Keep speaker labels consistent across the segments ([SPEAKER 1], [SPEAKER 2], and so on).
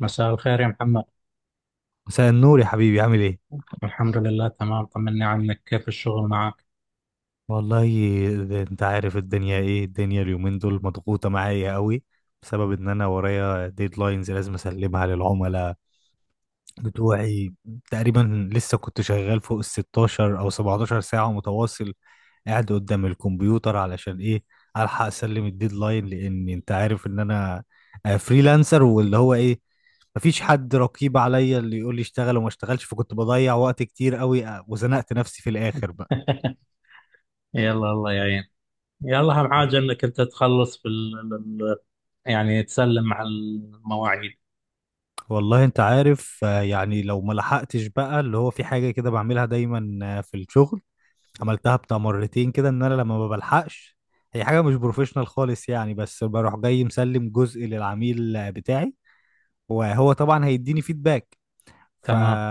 [SPEAKER 1] مساء الخير يا محمد.
[SPEAKER 2] مساء النور يا حبيبي، عامل ايه؟
[SPEAKER 1] الحمد لله، تمام. طمني عنك، كيف الشغل معك؟
[SPEAKER 2] والله، ده انت عارف الدنيا ايه، الدنيا اليومين دول مضغوطة معايا قوي بسبب ان انا ورايا ديدلاينز لازم اسلمها للعملاء بتوعي. تقريبا لسه كنت شغال فوق ال 16 او 17 ساعة متواصل قاعد قدام الكمبيوتر علشان ايه؟ الحق اسلم الديدلاين، لان انت عارف ان انا فريلانسر واللي هو ايه مفيش حد رقيب عليا اللي يقول لي اشتغل وما اشتغلش، فكنت بضيع وقت كتير قوي، وزنقت نفسي في الاخر بقى.
[SPEAKER 1] يلا، الله يعين. يلا، أهم حاجة إنك أنت تخلص في يعني تسلم على المواعيد.
[SPEAKER 2] والله انت عارف، يعني لو ما لحقتش بقى اللي هو في حاجة كده بعملها دايما في الشغل، عملتها بتاع مرتين كده ان انا لما ما بلحقش، هي حاجة مش بروفيشنال خالص يعني، بس بروح جاي مسلم جزء للعميل بتاعي وهو طبعا هيديني فيدباك. ف...
[SPEAKER 1] تمام.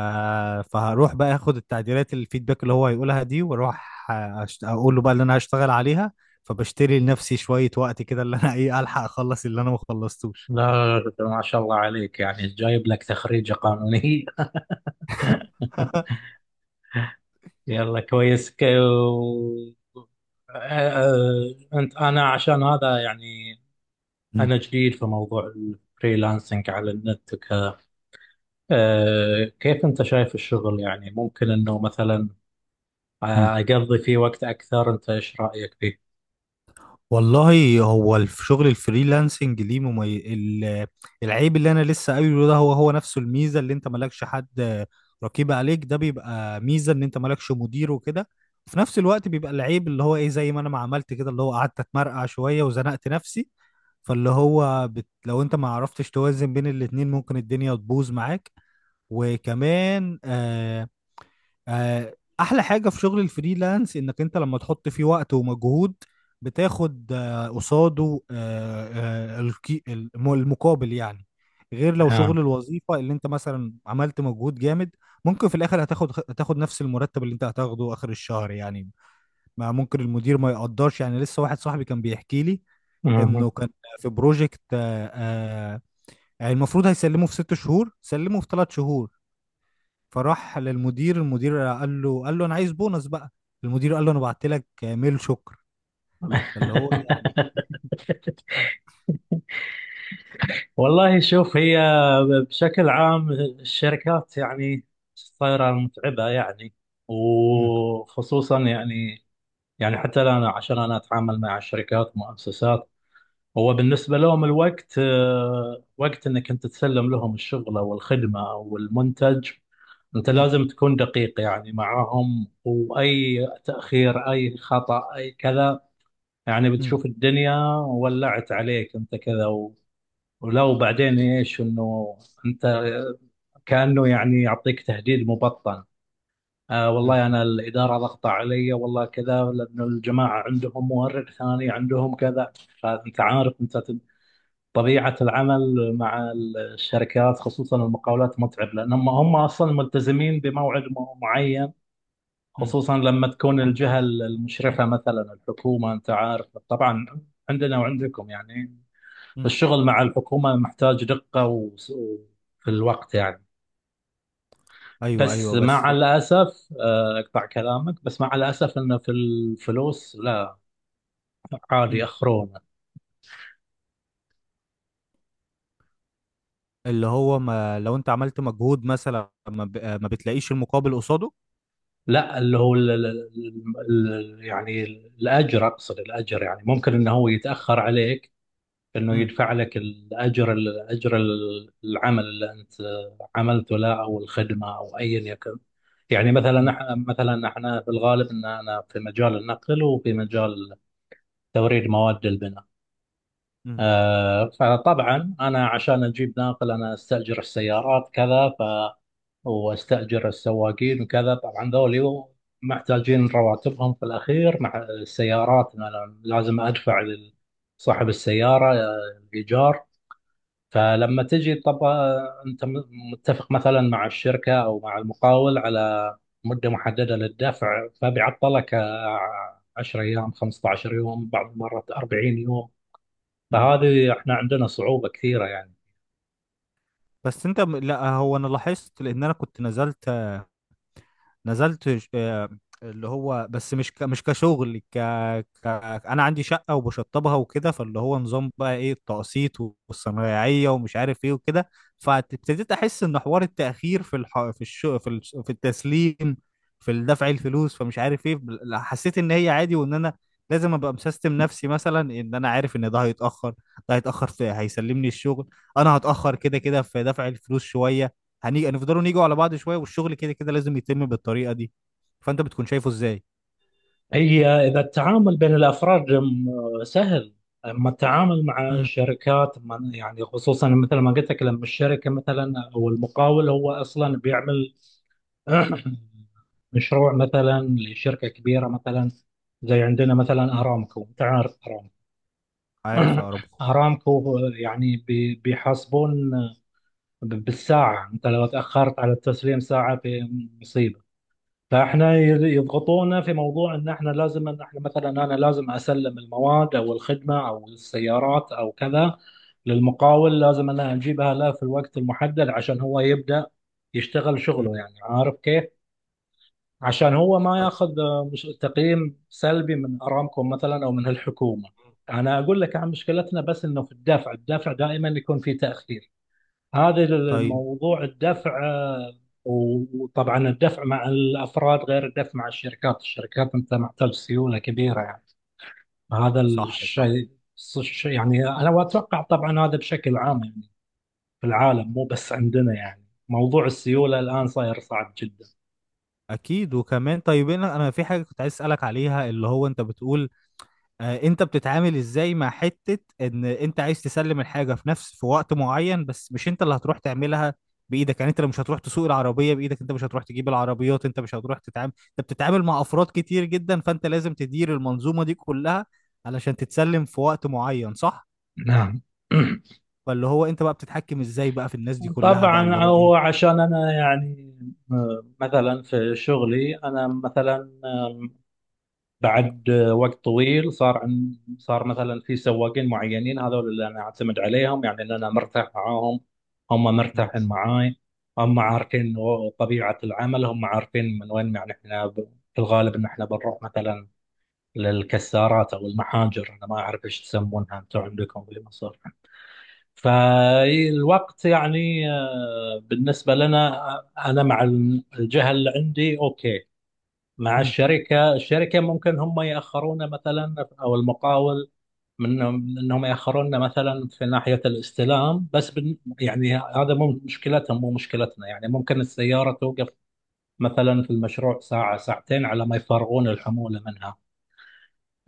[SPEAKER 2] فهروح بقى اخد التعديلات، الفيدباك اللي هو هيقولها دي، واروح اقول له بقى اللي انا هشتغل عليها، فبشتري لنفسي شوية وقت كده اللي انا ايه، الحق اخلص اللي انا ما خلصتوش.
[SPEAKER 1] لا، ما شاء الله عليك، يعني جايب لك تخريجة قانونية. يلا، كويس. آه، أنا عشان هذا يعني أنا جديد في موضوع الفريلانسنج على النت وكذا. كيف أنت شايف الشغل؟ يعني ممكن إنه مثلا
[SPEAKER 2] مم.
[SPEAKER 1] أقضي فيه وقت أكثر. أنت إيش رأيك فيه؟
[SPEAKER 2] والله، هو شغل الفريلانسنج ليه العيب اللي انا لسه قايله ده هو نفسه الميزه، اللي انت مالكش حد رقيب عليك، ده بيبقى ميزه ان انت مالكش مدير وكده. وفي نفس الوقت بيبقى العيب اللي هو ايه زي ما انا ما عملت كده اللي هو قعدت اتمرقع شويه وزنقت نفسي. فاللي هو لو انت ما عرفتش توازن بين الاتنين ممكن الدنيا تبوظ معاك. وكمان احلى حاجه في شغل الفريلانس انك انت لما تحط فيه وقت ومجهود بتاخد قصاده المقابل يعني، غير لو
[SPEAKER 1] آه.
[SPEAKER 2] شغل الوظيفه اللي انت مثلا عملت مجهود جامد ممكن في الاخر هتاخد نفس المرتب اللي انت هتاخده اخر الشهر يعني، ما ممكن المدير ما يقدرش. يعني لسه واحد صاحبي كان بيحكي لي
[SPEAKER 1] مهم.
[SPEAKER 2] انه كان في بروجكت، آه، يعني المفروض هيسلمه في 6 شهور، سلمه في 3 شهور. فراح للمدير، المدير قال له، انا عايز بونص بقى. المدير قال له انا بعت لك ميل شكر. فاللي هو يعني...
[SPEAKER 1] والله، شوف، هي بشكل عام الشركات يعني صايرة متعبة، يعني
[SPEAKER 2] مم.
[SPEAKER 1] وخصوصا يعني حتى أنا، عشان أنا أتعامل مع شركات ومؤسسات، هو بالنسبة لهم الوقت، وقت إنك أنت تسلم لهم الشغل أو الخدمة أو المنتج. أنت
[SPEAKER 2] مم.
[SPEAKER 1] لازم تكون دقيق يعني معاهم، وأي تأخير أي خطأ أي كذا، يعني
[SPEAKER 2] مم.
[SPEAKER 1] بتشوف الدنيا ولعت عليك، انت كذا ولو بعدين ايش انه انت كأنه يعني يعطيك تهديد مبطن.
[SPEAKER 2] مم.
[SPEAKER 1] والله انا الاداره ضغط علي، والله كذا، لانه الجماعه عندهم مورد ثاني، عندهم كذا. فانت عارف، طبيعه العمل مع الشركات، خصوصا المقاولات، متعب لانهم هم اصلا ملتزمين بموعد معين.
[SPEAKER 2] مم.
[SPEAKER 1] خصوصا لما تكون الجهة المشرفة مثلا الحكومة، أنت عارف طبعا عندنا وعندكم، يعني
[SPEAKER 2] مم.
[SPEAKER 1] الشغل مع الحكومة محتاج دقة وفي الوقت يعني.
[SPEAKER 2] ايوه،
[SPEAKER 1] بس
[SPEAKER 2] ايوه،
[SPEAKER 1] مع
[SPEAKER 2] بس.
[SPEAKER 1] الأسف، أقطع كلامك، بس مع الأسف أنه في الفلوس لا، عادي
[SPEAKER 2] مم.
[SPEAKER 1] أخرونه.
[SPEAKER 2] اللي هو ما لو انت عملت مجهود مثلا ما, ما بتلاقيش المقابل قصاده.
[SPEAKER 1] لا، اللي هو ال- ال- ال- ال- يعني الأجر، أقصد الأجر، يعني ممكن أنه هو يتأخر عليك، انه
[SPEAKER 2] مم.
[SPEAKER 1] يدفع لك الاجر العمل اللي انت عملته له، او الخدمه، او ايا يكن. يعني مثلا
[SPEAKER 2] مم.
[SPEAKER 1] احنا، مثلا احنا في الغالب، ان انا في مجال النقل وفي مجال توريد مواد البناء.
[SPEAKER 2] مم.
[SPEAKER 1] فطبعا انا عشان اجيب ناقل انا استاجر السيارات كذا، واستاجر السواقين وكذا. طبعا ذولي محتاجين رواتبهم في الاخير. مع السيارات، أنا لازم ادفع لصاحب السياره الايجار. فلما تجي طبعا انت متفق مثلا مع الشركه او مع المقاول على مده محدده للدفع، فبيعطلك 10 ايام، 15 يوم، بعض المرات 40 يوم.
[SPEAKER 2] مم.
[SPEAKER 1] فهذه احنا عندنا صعوبه كثيره يعني.
[SPEAKER 2] بس انت لا، هو انا لاحظت لان انا كنت نزلت اللي هو بس مش مش كشغل ك... انا عندي شقه وبشطبها وكده، فاللي هو نظام بقى ايه التقسيط والصنايعيه ومش عارف ايه وكده. فابتديت احس ان حوار التاخير في في في في التسليم، في دفع الفلوس فمش عارف ايه، حسيت ان هي عادي وان انا لازم ابقى مسيستم نفسي مثلا ان انا عارف ان ده هيتاخر ده هيتاخر في هيسلمني الشغل، انا هتاخر كده كده في دفع الفلوس شويه، هنيجي هنفضلوا نيجوا على بعض شويه، والشغل كده كده لازم يتم بالطريقه دي. فانت بتكون شايفه ازاي؟
[SPEAKER 1] هي اذا التعامل بين الافراد سهل، اما التعامل مع
[SPEAKER 2] امم.
[SPEAKER 1] الشركات يعني خصوصا مثل ما قلت لك، لما الشركه مثلا او المقاول هو اصلا بيعمل مشروع مثلا لشركة كبيرة، مثلا زي عندنا مثلا
[SPEAKER 2] امم.
[SPEAKER 1] أرامكو. تعرف أرامكو؟
[SPEAKER 2] عارفها ارامكو.
[SPEAKER 1] أرامكو يعني بيحاسبون بالساعة. أنت لو تأخرت على التسليم ساعة، في مصيبة. فإحنا يضغطونا في موضوع إن إحنا مثلا، أنا لازم أسلم المواد أو الخدمة أو السيارات أو كذا للمقاول. لازم أنا أجيبها له في الوقت المحدد، عشان هو يبدأ يشتغل
[SPEAKER 2] امم.
[SPEAKER 1] شغله. يعني عارف كيف؟ عشان هو ما ياخذ مش تقييم سلبي من ارامكو مثلا او من الحكومه. انا اقول لك عن مشكلتنا، بس انه في الدفع دائما يكون في تاخير. هذا
[SPEAKER 2] طيب.
[SPEAKER 1] الموضوع الدفع. وطبعا الدفع مع الافراد غير الدفع مع الشركات. الشركات انت محتاج سيوله كبيره، يعني هذا
[SPEAKER 2] صح، صح.
[SPEAKER 1] الشيء. يعني انا، واتوقع طبعا هذا بشكل عام، يعني في العالم مو بس عندنا، يعني موضوع السيوله الان صاير صعب جدا.
[SPEAKER 2] اكيد وكمان. طيب، انا في حاجه كنت عايز اسالك عليها، اللي هو انت بتقول انت بتتعامل ازاي مع حتة ان انت عايز تسلم الحاجة في نفس، في وقت معين، بس مش انت اللي هتروح تعملها بايدك يعني، انت اللي مش هتروح تسوق العربية بايدك، انت مش هتروح تجيب العربيات، انت مش هتروح تتعامل، انت بتتعامل مع افراد كتير جدا، فانت لازم تدير المنظومة دي كلها علشان تتسلم في وقت معين، صح؟
[SPEAKER 1] نعم.
[SPEAKER 2] فاللي هو انت بقى بتتحكم ازاي بقى في الناس دي كلها بقى اللي
[SPEAKER 1] طبعا
[SPEAKER 2] هو
[SPEAKER 1] هو،
[SPEAKER 2] ايه؟
[SPEAKER 1] عشان انا يعني، مثلا في شغلي، انا مثلا بعد وقت طويل، صار مثلا في سواقين معينين، هذول اللي انا اعتمد عليهم، يعني اللي انا مرتاح معاهم، هم
[SPEAKER 2] مم.
[SPEAKER 1] مرتاحين معاي. هم عارفين طبيعة العمل، هم عارفين من وين، يعني احنا في الغالب ان احنا بنروح مثلا للكسارات او المحاجر. انا ما اعرف ايش تسمونها انتم عندكم في مصر. فالوقت يعني، بالنسبة لنا، أنا مع الجهة اللي عندي أوكي. مع
[SPEAKER 2] مم.
[SPEAKER 1] الشركة ممكن هم يأخرونا مثلا، أو المقاول، من أنهم يأخرونا مثلا في ناحية الاستلام. بس يعني هذا مو مشكلتهم مو مشكلتنا، يعني ممكن السيارة توقف مثلا في المشروع ساعة، ساعتين، على ما يفرغون الحمولة منها.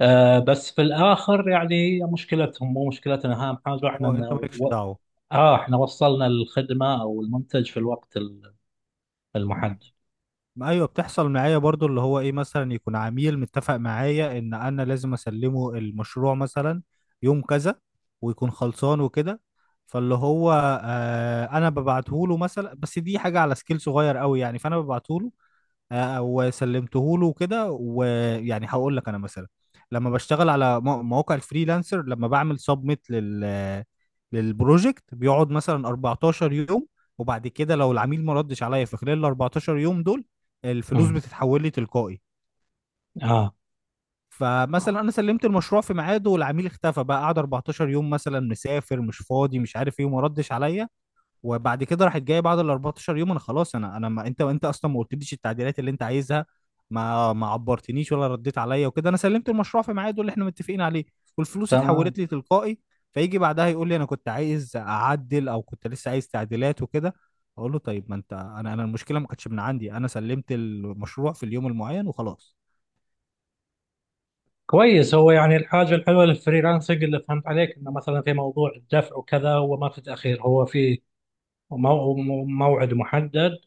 [SPEAKER 1] بس في الاخر يعني مشكلتهم مو مشكلتنا. اهم حاجه احنا،
[SPEAKER 2] اه،
[SPEAKER 1] إن
[SPEAKER 2] انت مالكش
[SPEAKER 1] و...
[SPEAKER 2] دعوة.
[SPEAKER 1] اه احنا وصلنا الخدمه او المنتج في الوقت المحدد.
[SPEAKER 2] ما ايوه، بتحصل معايا برضو اللي هو ايه، مثلا يكون عميل متفق معايا ان انا لازم اسلمه المشروع مثلا يوم كذا، ويكون خلصان وكده، فاللي هو آه انا ببعته له مثلا، بس دي حاجه على سكيل صغير قوي يعني، فانا ببعته له وسلمته له وكده. ويعني هقول لك انا مثلا لما بشتغل على مواقع الفريلانسر، لما بعمل سبميت للبروجكت بيقعد مثلا 14 يوم، وبعد كده لو العميل ما ردش عليا في خلال ال 14 يوم دول، الفلوس
[SPEAKER 1] امم.
[SPEAKER 2] بتتحول لي تلقائي.
[SPEAKER 1] اه.
[SPEAKER 2] فمثلا انا سلمت المشروع في ميعاده والعميل اختفى بقى، قعد 14 يوم مثلا، مسافر، مش فاضي، مش عارف ايه، وما ردش عليا. وبعد كده راحت جايه بعد ال 14 يوم، انا خلاص، انا ما انت اصلا ما قلتليش التعديلات اللي انت عايزها، ما عبرتنيش ولا رديت عليا وكده، انا سلمت المشروع في ميعاده اللي احنا متفقين عليه، والفلوس
[SPEAKER 1] تمام.
[SPEAKER 2] اتحولت لي تلقائي. فيجي بعدها يقول لي انا كنت عايز اعدل او كنت لسه عايز تعديلات وكده، اقول له طيب، ما انت، انا المشكله ما كانتش من عندي، انا سلمت المشروع في اليوم المعين وخلاص.
[SPEAKER 1] كويس. هو يعني الحاجه الحلوه للفريلانسنج، اللي فهمت عليك، انه مثلا في موضوع الدفع وكذا، هو ما في تاخير، هو في موعد محدد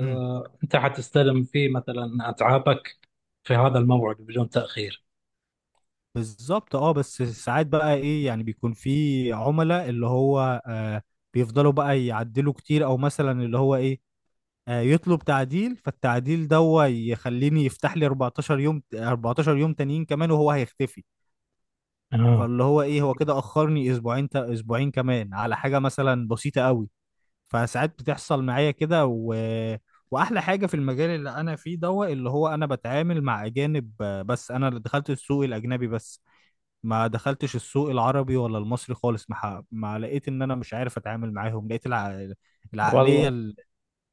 [SPEAKER 2] امم.
[SPEAKER 1] انت حتستلم فيه مثلا اتعابك في هذا الموعد بدون تاخير.
[SPEAKER 2] بالظبط، اه، بس ساعات بقى ايه، يعني بيكون في عملاء اللي هو آه بيفضلوا بقى يعدلوا كتير، او مثلا اللي هو ايه يطلب تعديل، فالتعديل ده هو يخليني يفتح لي 14 يوم، 14 يوم تانيين كمان، وهو هيختفي،
[SPEAKER 1] اه،
[SPEAKER 2] فاللي هو ايه هو كده اخرني اسبوعين، اسبوعين كمان على حاجه مثلا بسيطه قوي، فساعات بتحصل معايا كده واحلى حاجه في المجال اللي انا فيه دوت اللي هو انا بتعامل مع اجانب بس. انا اللي دخلت السوق الاجنبي بس ما دخلتش السوق العربي ولا المصري خالص، ما, ما لقيت ان انا مش عارف اتعامل معاهم، لقيت
[SPEAKER 1] والله.
[SPEAKER 2] العقليه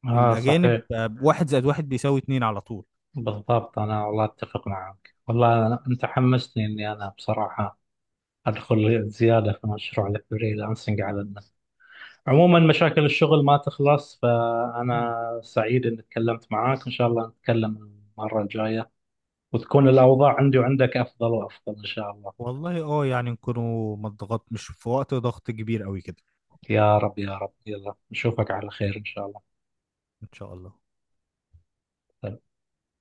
[SPEAKER 1] اه،
[SPEAKER 2] الأجانب
[SPEAKER 1] صحيح.
[SPEAKER 2] واحد زائد واحد بيساوي اتنين على طول.
[SPEAKER 1] بالضبط. أنا والله أتفق معك. والله أنت حمستني إني أنا بصراحة أدخل زيادة في مشروع الفريلانسنج على النت. عموما مشاكل الشغل ما تخلص،
[SPEAKER 2] مم.
[SPEAKER 1] فأنا سعيد إني تكلمت معاك. إن شاء الله نتكلم المرة الجاية، وتكون الأوضاع عندي وعندك أفضل وأفضل إن شاء الله.
[SPEAKER 2] والله اه، يعني نكونوا ما اتضغط، مش في وقت ضغط كبير قوي كده.
[SPEAKER 1] يا رب، يا رب. يلا، نشوفك على خير إن شاء الله.
[SPEAKER 2] إن شاء الله.